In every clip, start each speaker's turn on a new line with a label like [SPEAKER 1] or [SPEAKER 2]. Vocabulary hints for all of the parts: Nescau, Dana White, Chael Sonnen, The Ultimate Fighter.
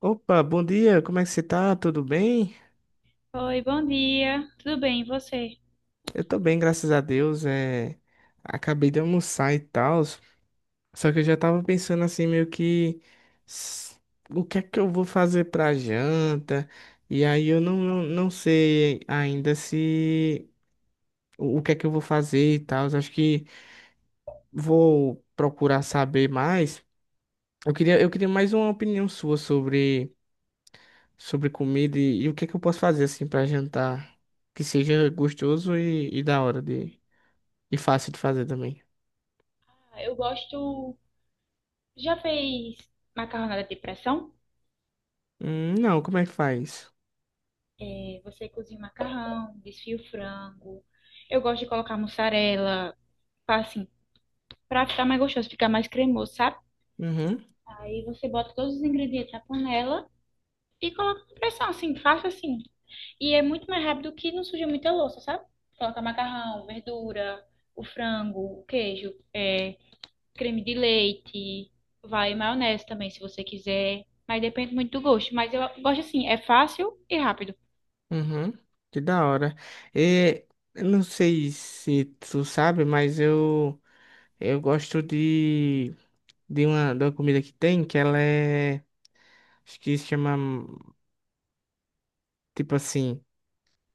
[SPEAKER 1] Opa, bom dia, como é que você tá? Tudo bem?
[SPEAKER 2] Oi, bom dia. Tudo bem, e você?
[SPEAKER 1] Eu tô bem, graças a Deus. Acabei de almoçar e tal, só que eu já tava pensando assim, meio que s- o que é que eu vou fazer pra janta? E aí eu não sei ainda se o que é que eu vou fazer e tal. Acho que vou procurar saber mais. Eu queria mais uma opinião sua sobre comida e o que que eu posso fazer assim pra jantar que seja gostoso e da hora de e fácil de fazer também.
[SPEAKER 2] Ah, eu gosto. Já fez macarronada de pressão?
[SPEAKER 1] Não, como é que faz?
[SPEAKER 2] Você cozinha o macarrão, desfia o frango. Eu gosto de colocar mussarela, pra, assim, pra ficar mais gostoso, ficar mais cremoso, sabe?
[SPEAKER 1] Uhum,
[SPEAKER 2] Aí você bota todos os ingredientes na panela e coloca com pressão, assim, faça assim. E é muito mais rápido que não suja muita louça, sabe? Coloca macarrão, verdura, o frango, o queijo. É, creme de leite, vai maionese também, se você quiser. Mas depende muito do gosto. Mas eu gosto assim, é fácil e rápido.
[SPEAKER 1] uhum. Que da hora. E, eu não sei se tu sabe, mas eu gosto de uma, de uma comida que tem que ela é acho que se chama tipo assim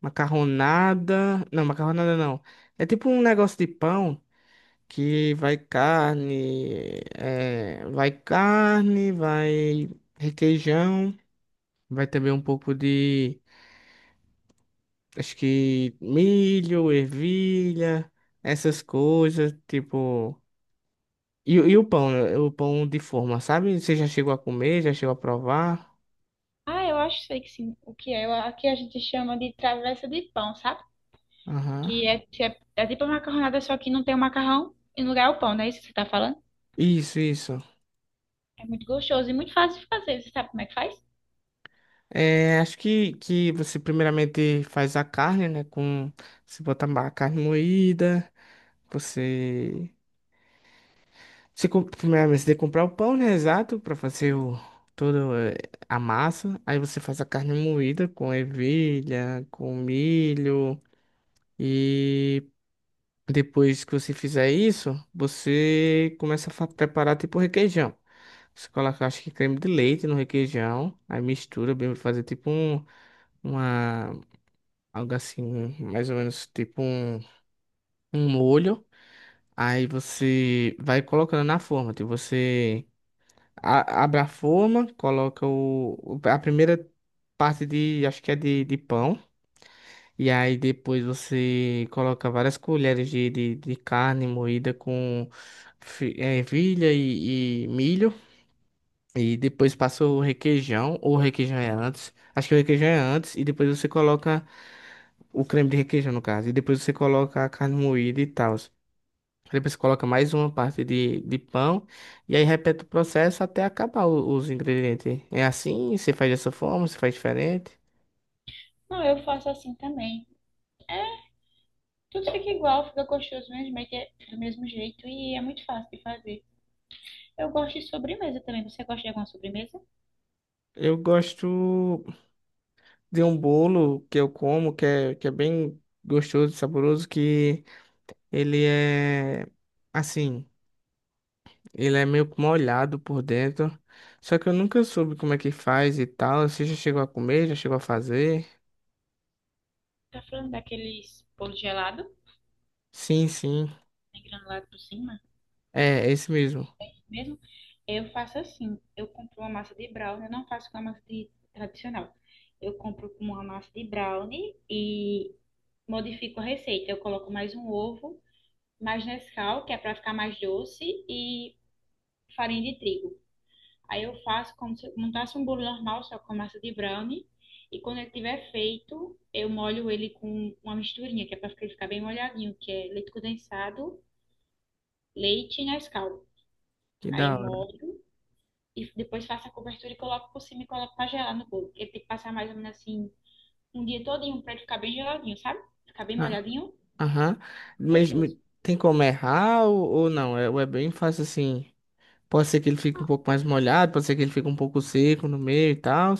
[SPEAKER 1] macarronada. Não, macarronada não. É tipo um negócio de pão, que vai carne, vai requeijão, vai também um pouco de, acho que milho, ervilha, essas coisas, tipo. E o pão, né? O pão de forma, sabe? Você já chegou a comer, já chegou a provar?
[SPEAKER 2] Ah, eu acho sei que sim, o que é. Eu- aqui a gente chama de travessa de pão, sabe?
[SPEAKER 1] Aham.
[SPEAKER 2] Que é tipo a macarronada, só que não tem o macarrão e no lugar é o pão, não é isso que você tá falando?
[SPEAKER 1] Isso, isso.
[SPEAKER 2] É muito gostoso e muito fácil de fazer. Você sabe como é que faz?
[SPEAKER 1] É, acho que você primeiramente faz a carne, né? Com, você bota a carne moída. você Primeiramente, você tem que comprar o pão, né? Exato, pra fazer toda a massa. Aí você faz a carne moída com ervilha, com milho. E depois que você fizer isso, você começa a preparar tipo requeijão. Você coloca, acho que creme de leite no requeijão. Aí mistura bem, vai fazer tipo uma, algo assim, mais ou menos tipo um molho. Aí você vai colocando na forma, tipo, abre a forma, coloca a primeira parte de, acho que é de pão. E aí depois você coloca várias colheres de carne moída com ervilha e milho. E depois passa o requeijão, ou o requeijão é antes. Acho que o requeijão é antes. E depois você coloca o creme de requeijão, no caso. E depois você coloca a carne moída e tal. Aí você coloca mais uma parte de pão e aí repete o processo até acabar os ingredientes. É assim? Você faz dessa forma? Você faz diferente?
[SPEAKER 2] Não, eu faço assim também. É, tudo fica igual, fica gostoso mesmo, é que é do mesmo jeito e é muito fácil de fazer. Eu gosto de sobremesa também. Você gosta de alguma sobremesa?
[SPEAKER 1] Eu gosto de um bolo que eu como, que é bem gostoso e saboroso, que ele é assim, ele é meio que molhado por dentro. Só que eu nunca soube como é que faz e tal. Você já chegou a comer? Já chegou a fazer?
[SPEAKER 2] Tá falando daqueles bolo gelado,
[SPEAKER 1] Sim, sim.
[SPEAKER 2] né, granulado por cima
[SPEAKER 1] É, esse mesmo.
[SPEAKER 2] mesmo? Eu faço assim, eu compro uma massa de brownie, eu não faço com a massa de- tradicional. Eu compro com uma massa de brownie e modifico a receita. Eu coloco mais um ovo, mais Nescau, que é pra ficar mais doce, e farinha de trigo. Aí eu faço como se eu montasse um bolo normal, só com a massa de brownie. E quando ele tiver feito, eu molho ele com uma misturinha, que é pra ele ficar bem molhadinho, que é leite condensado, leite e Nescau.
[SPEAKER 1] Que da
[SPEAKER 2] Aí
[SPEAKER 1] hora.
[SPEAKER 2] molho e depois faço a cobertura e coloco por cima e coloco pra gelar no bolo. Ele tem que passar mais ou menos assim um dia todinho pra ele ficar bem geladinho, sabe? Ficar bem
[SPEAKER 1] Ah,
[SPEAKER 2] molhadinho,
[SPEAKER 1] aham. Mas
[SPEAKER 2] gostoso.
[SPEAKER 1] tem como errar ou não? É, ou é bem fácil assim. Pode ser que ele fique um
[SPEAKER 2] Ah,
[SPEAKER 1] pouco mais molhado, pode ser que ele fique um pouco seco no meio e tal.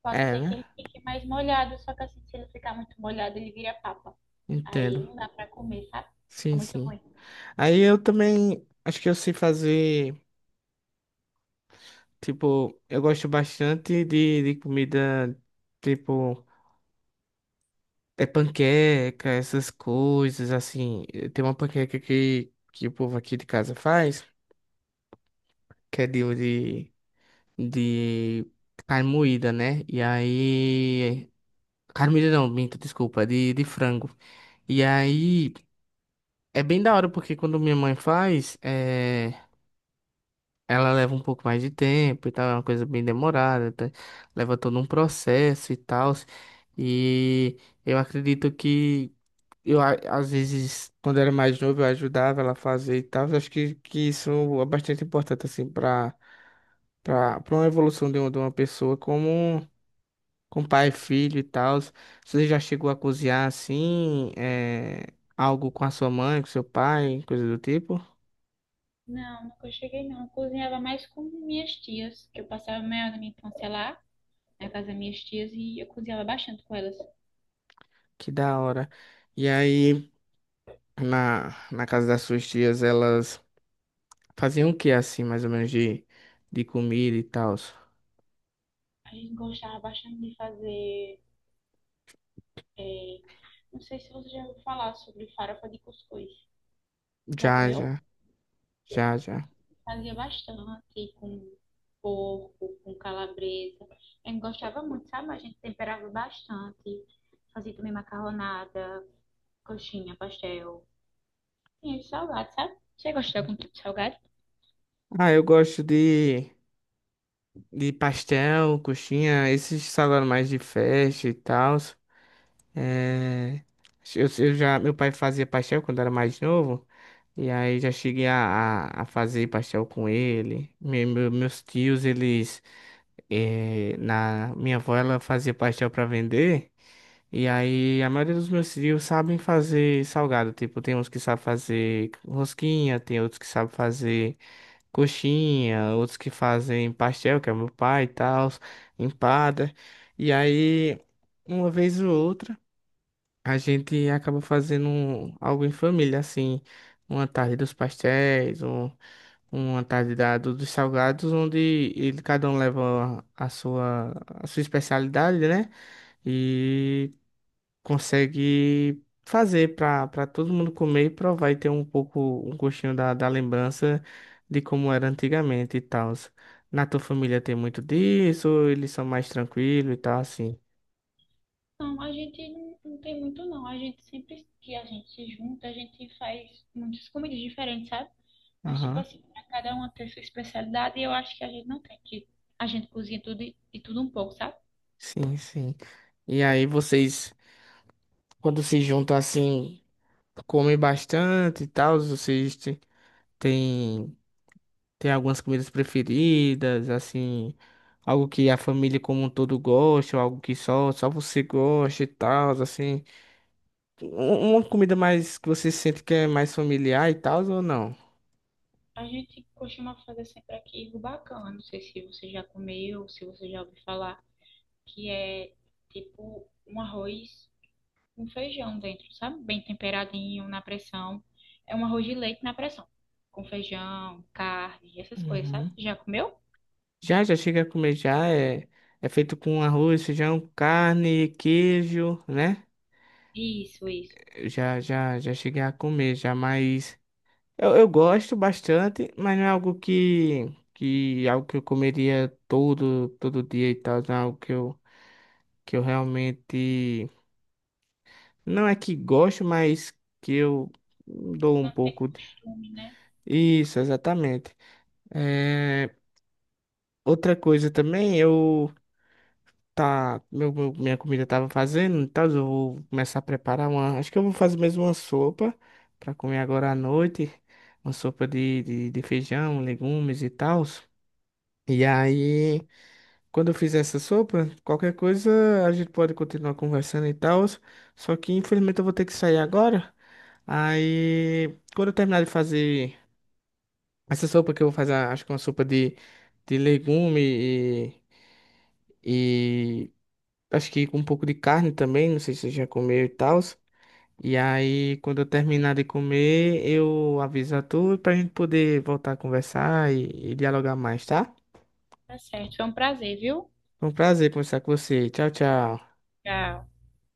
[SPEAKER 2] pode
[SPEAKER 1] É,
[SPEAKER 2] ser que
[SPEAKER 1] né?
[SPEAKER 2] ele fique mais molhado, só que assim, se ele ficar muito molhado, ele vira papa.
[SPEAKER 1] Entendo.
[SPEAKER 2] Aí não dá pra comer, sabe? Fica
[SPEAKER 1] Sim,
[SPEAKER 2] muito
[SPEAKER 1] sim.
[SPEAKER 2] ruim.
[SPEAKER 1] Aí eu também acho que eu sei fazer. Tipo, eu gosto bastante de comida. Tipo, é panqueca, essas coisas assim. Tem uma panqueca que o povo aqui de casa faz, que é de de carne moída, né? E aí. Carne moída não, minta, desculpa, de frango. E aí é bem da hora, porque quando minha mãe faz, ela leva um pouco mais de tempo e tal, é uma coisa bem demorada, tá? Leva todo um processo e tal. E eu acredito que às vezes, quando era mais novo, eu ajudava ela a fazer e tal. Eu acho que isso é bastante importante, assim, pra para uma evolução de uma pessoa como. Com pai, filho e tal. Você já chegou a cozinhar assim, algo com a sua mãe, com seu pai, coisa do tipo?
[SPEAKER 2] Não, nunca cheguei não. Eu cozinhava mais com minhas tias, que eu passava a maior da minha infância lá, na casa das minhas tias, e eu cozinhava bastante com elas.
[SPEAKER 1] Que da hora. E aí, na casa das suas tias, elas faziam o que assim, mais ou menos, de comida e tal?
[SPEAKER 2] A gente gostava bastante de fazer. É, não sei se você já ouviu falar sobre farofa de cuscuz. Já
[SPEAKER 1] Já,
[SPEAKER 2] comeu?
[SPEAKER 1] já, já, já.
[SPEAKER 2] Fazia bastante com porco, com calabresa. A gente gostava muito, sabe? A gente temperava bastante. Fazia também macarronada, coxinha, pastel. Tinha de salgado, sabe? Você gosta de algum tipo de salgado?
[SPEAKER 1] Ah, eu gosto de pastel, coxinha, esses salgados mais de festa e tal. É, eu já, meu pai fazia pastel quando era mais novo. E aí já cheguei a fazer pastel com ele. Meus tios, eles. Minha avó, ela fazia pastel pra vender. E aí a maioria dos meus tios sabem fazer salgado. Tipo, tem uns que sabem fazer rosquinha, tem outros que sabem fazer coxinha, outros que fazem pastel, que é meu pai e tal, empada. E aí, uma vez ou outra. A gente acaba fazendo algo em família, assim, uma tarde dos pastéis, uma tarde dos salgados, onde cada um leva a sua especialidade, né? E consegue fazer para todo mundo comer e provar e ter um pouco, um gostinho da lembrança de como era antigamente e tal. Na tua família tem muito disso, eles são mais tranquilos e tal, assim.
[SPEAKER 2] Não, a gente não tem muito não. A gente sempre que a gente se junta, a gente faz muitas comidas diferentes, sabe? Mas tipo
[SPEAKER 1] Aham,
[SPEAKER 2] assim, pra cada uma tem sua especialidade e eu acho que a gente não tem que a gente cozinha tudo e tudo um pouco, sabe?
[SPEAKER 1] sim, sim. E aí vocês. Quando se juntam assim, comem bastante e tal, vocês te- têm tem algumas comidas preferidas, assim, algo que a família como um todo gosta, ou algo que só você gosta e tal, assim. Uma comida mais que você sente que é mais familiar e tal, ou não?
[SPEAKER 2] A gente costuma fazer sempre aqui rubacão. Eu não sei se você já comeu, se você já ouviu falar, que é tipo um arroz com feijão dentro, sabe? Bem temperadinho na pressão. É um arroz de leite na pressão, com feijão, carne, essas coisas, sabe?
[SPEAKER 1] Uhum.
[SPEAKER 2] Já comeu?
[SPEAKER 1] Já, já chega a comer, já é feito com arroz, feijão, carne, queijo, né?
[SPEAKER 2] Isso, isso.
[SPEAKER 1] Eu já cheguei a comer, já mais. Eu gosto bastante, mas não é algo que, algo que eu comeria todo, todo dia e tal. Não é algo que eu realmente não é que gosto, mas que eu dou um
[SPEAKER 2] Não tem
[SPEAKER 1] pouco.
[SPEAKER 2] costume, né?
[SPEAKER 1] Isso, exatamente. É, outra coisa também, eu tá, meu- minha comida tava fazendo, então eu vou começar a preparar uma. Acho que eu vou fazer mesmo uma sopa para comer agora à noite, uma sopa de feijão, legumes e tal. E aí. Quando eu fizer essa sopa, qualquer coisa a gente pode continuar conversando e tal. Só que infelizmente eu vou ter que sair agora. Aí, quando eu terminar de fazer essa sopa que eu vou fazer, acho que uma sopa de legume e acho que com um pouco de carne também, não sei se você já comeu e tal. E aí, quando eu terminar de comer, eu aviso a tu pra gente poder voltar a conversar e dialogar mais, tá?
[SPEAKER 2] Tá certo. Foi um prazer, viu?
[SPEAKER 1] Foi um prazer conversar com você. Tchau, tchau.
[SPEAKER 2] Tchau.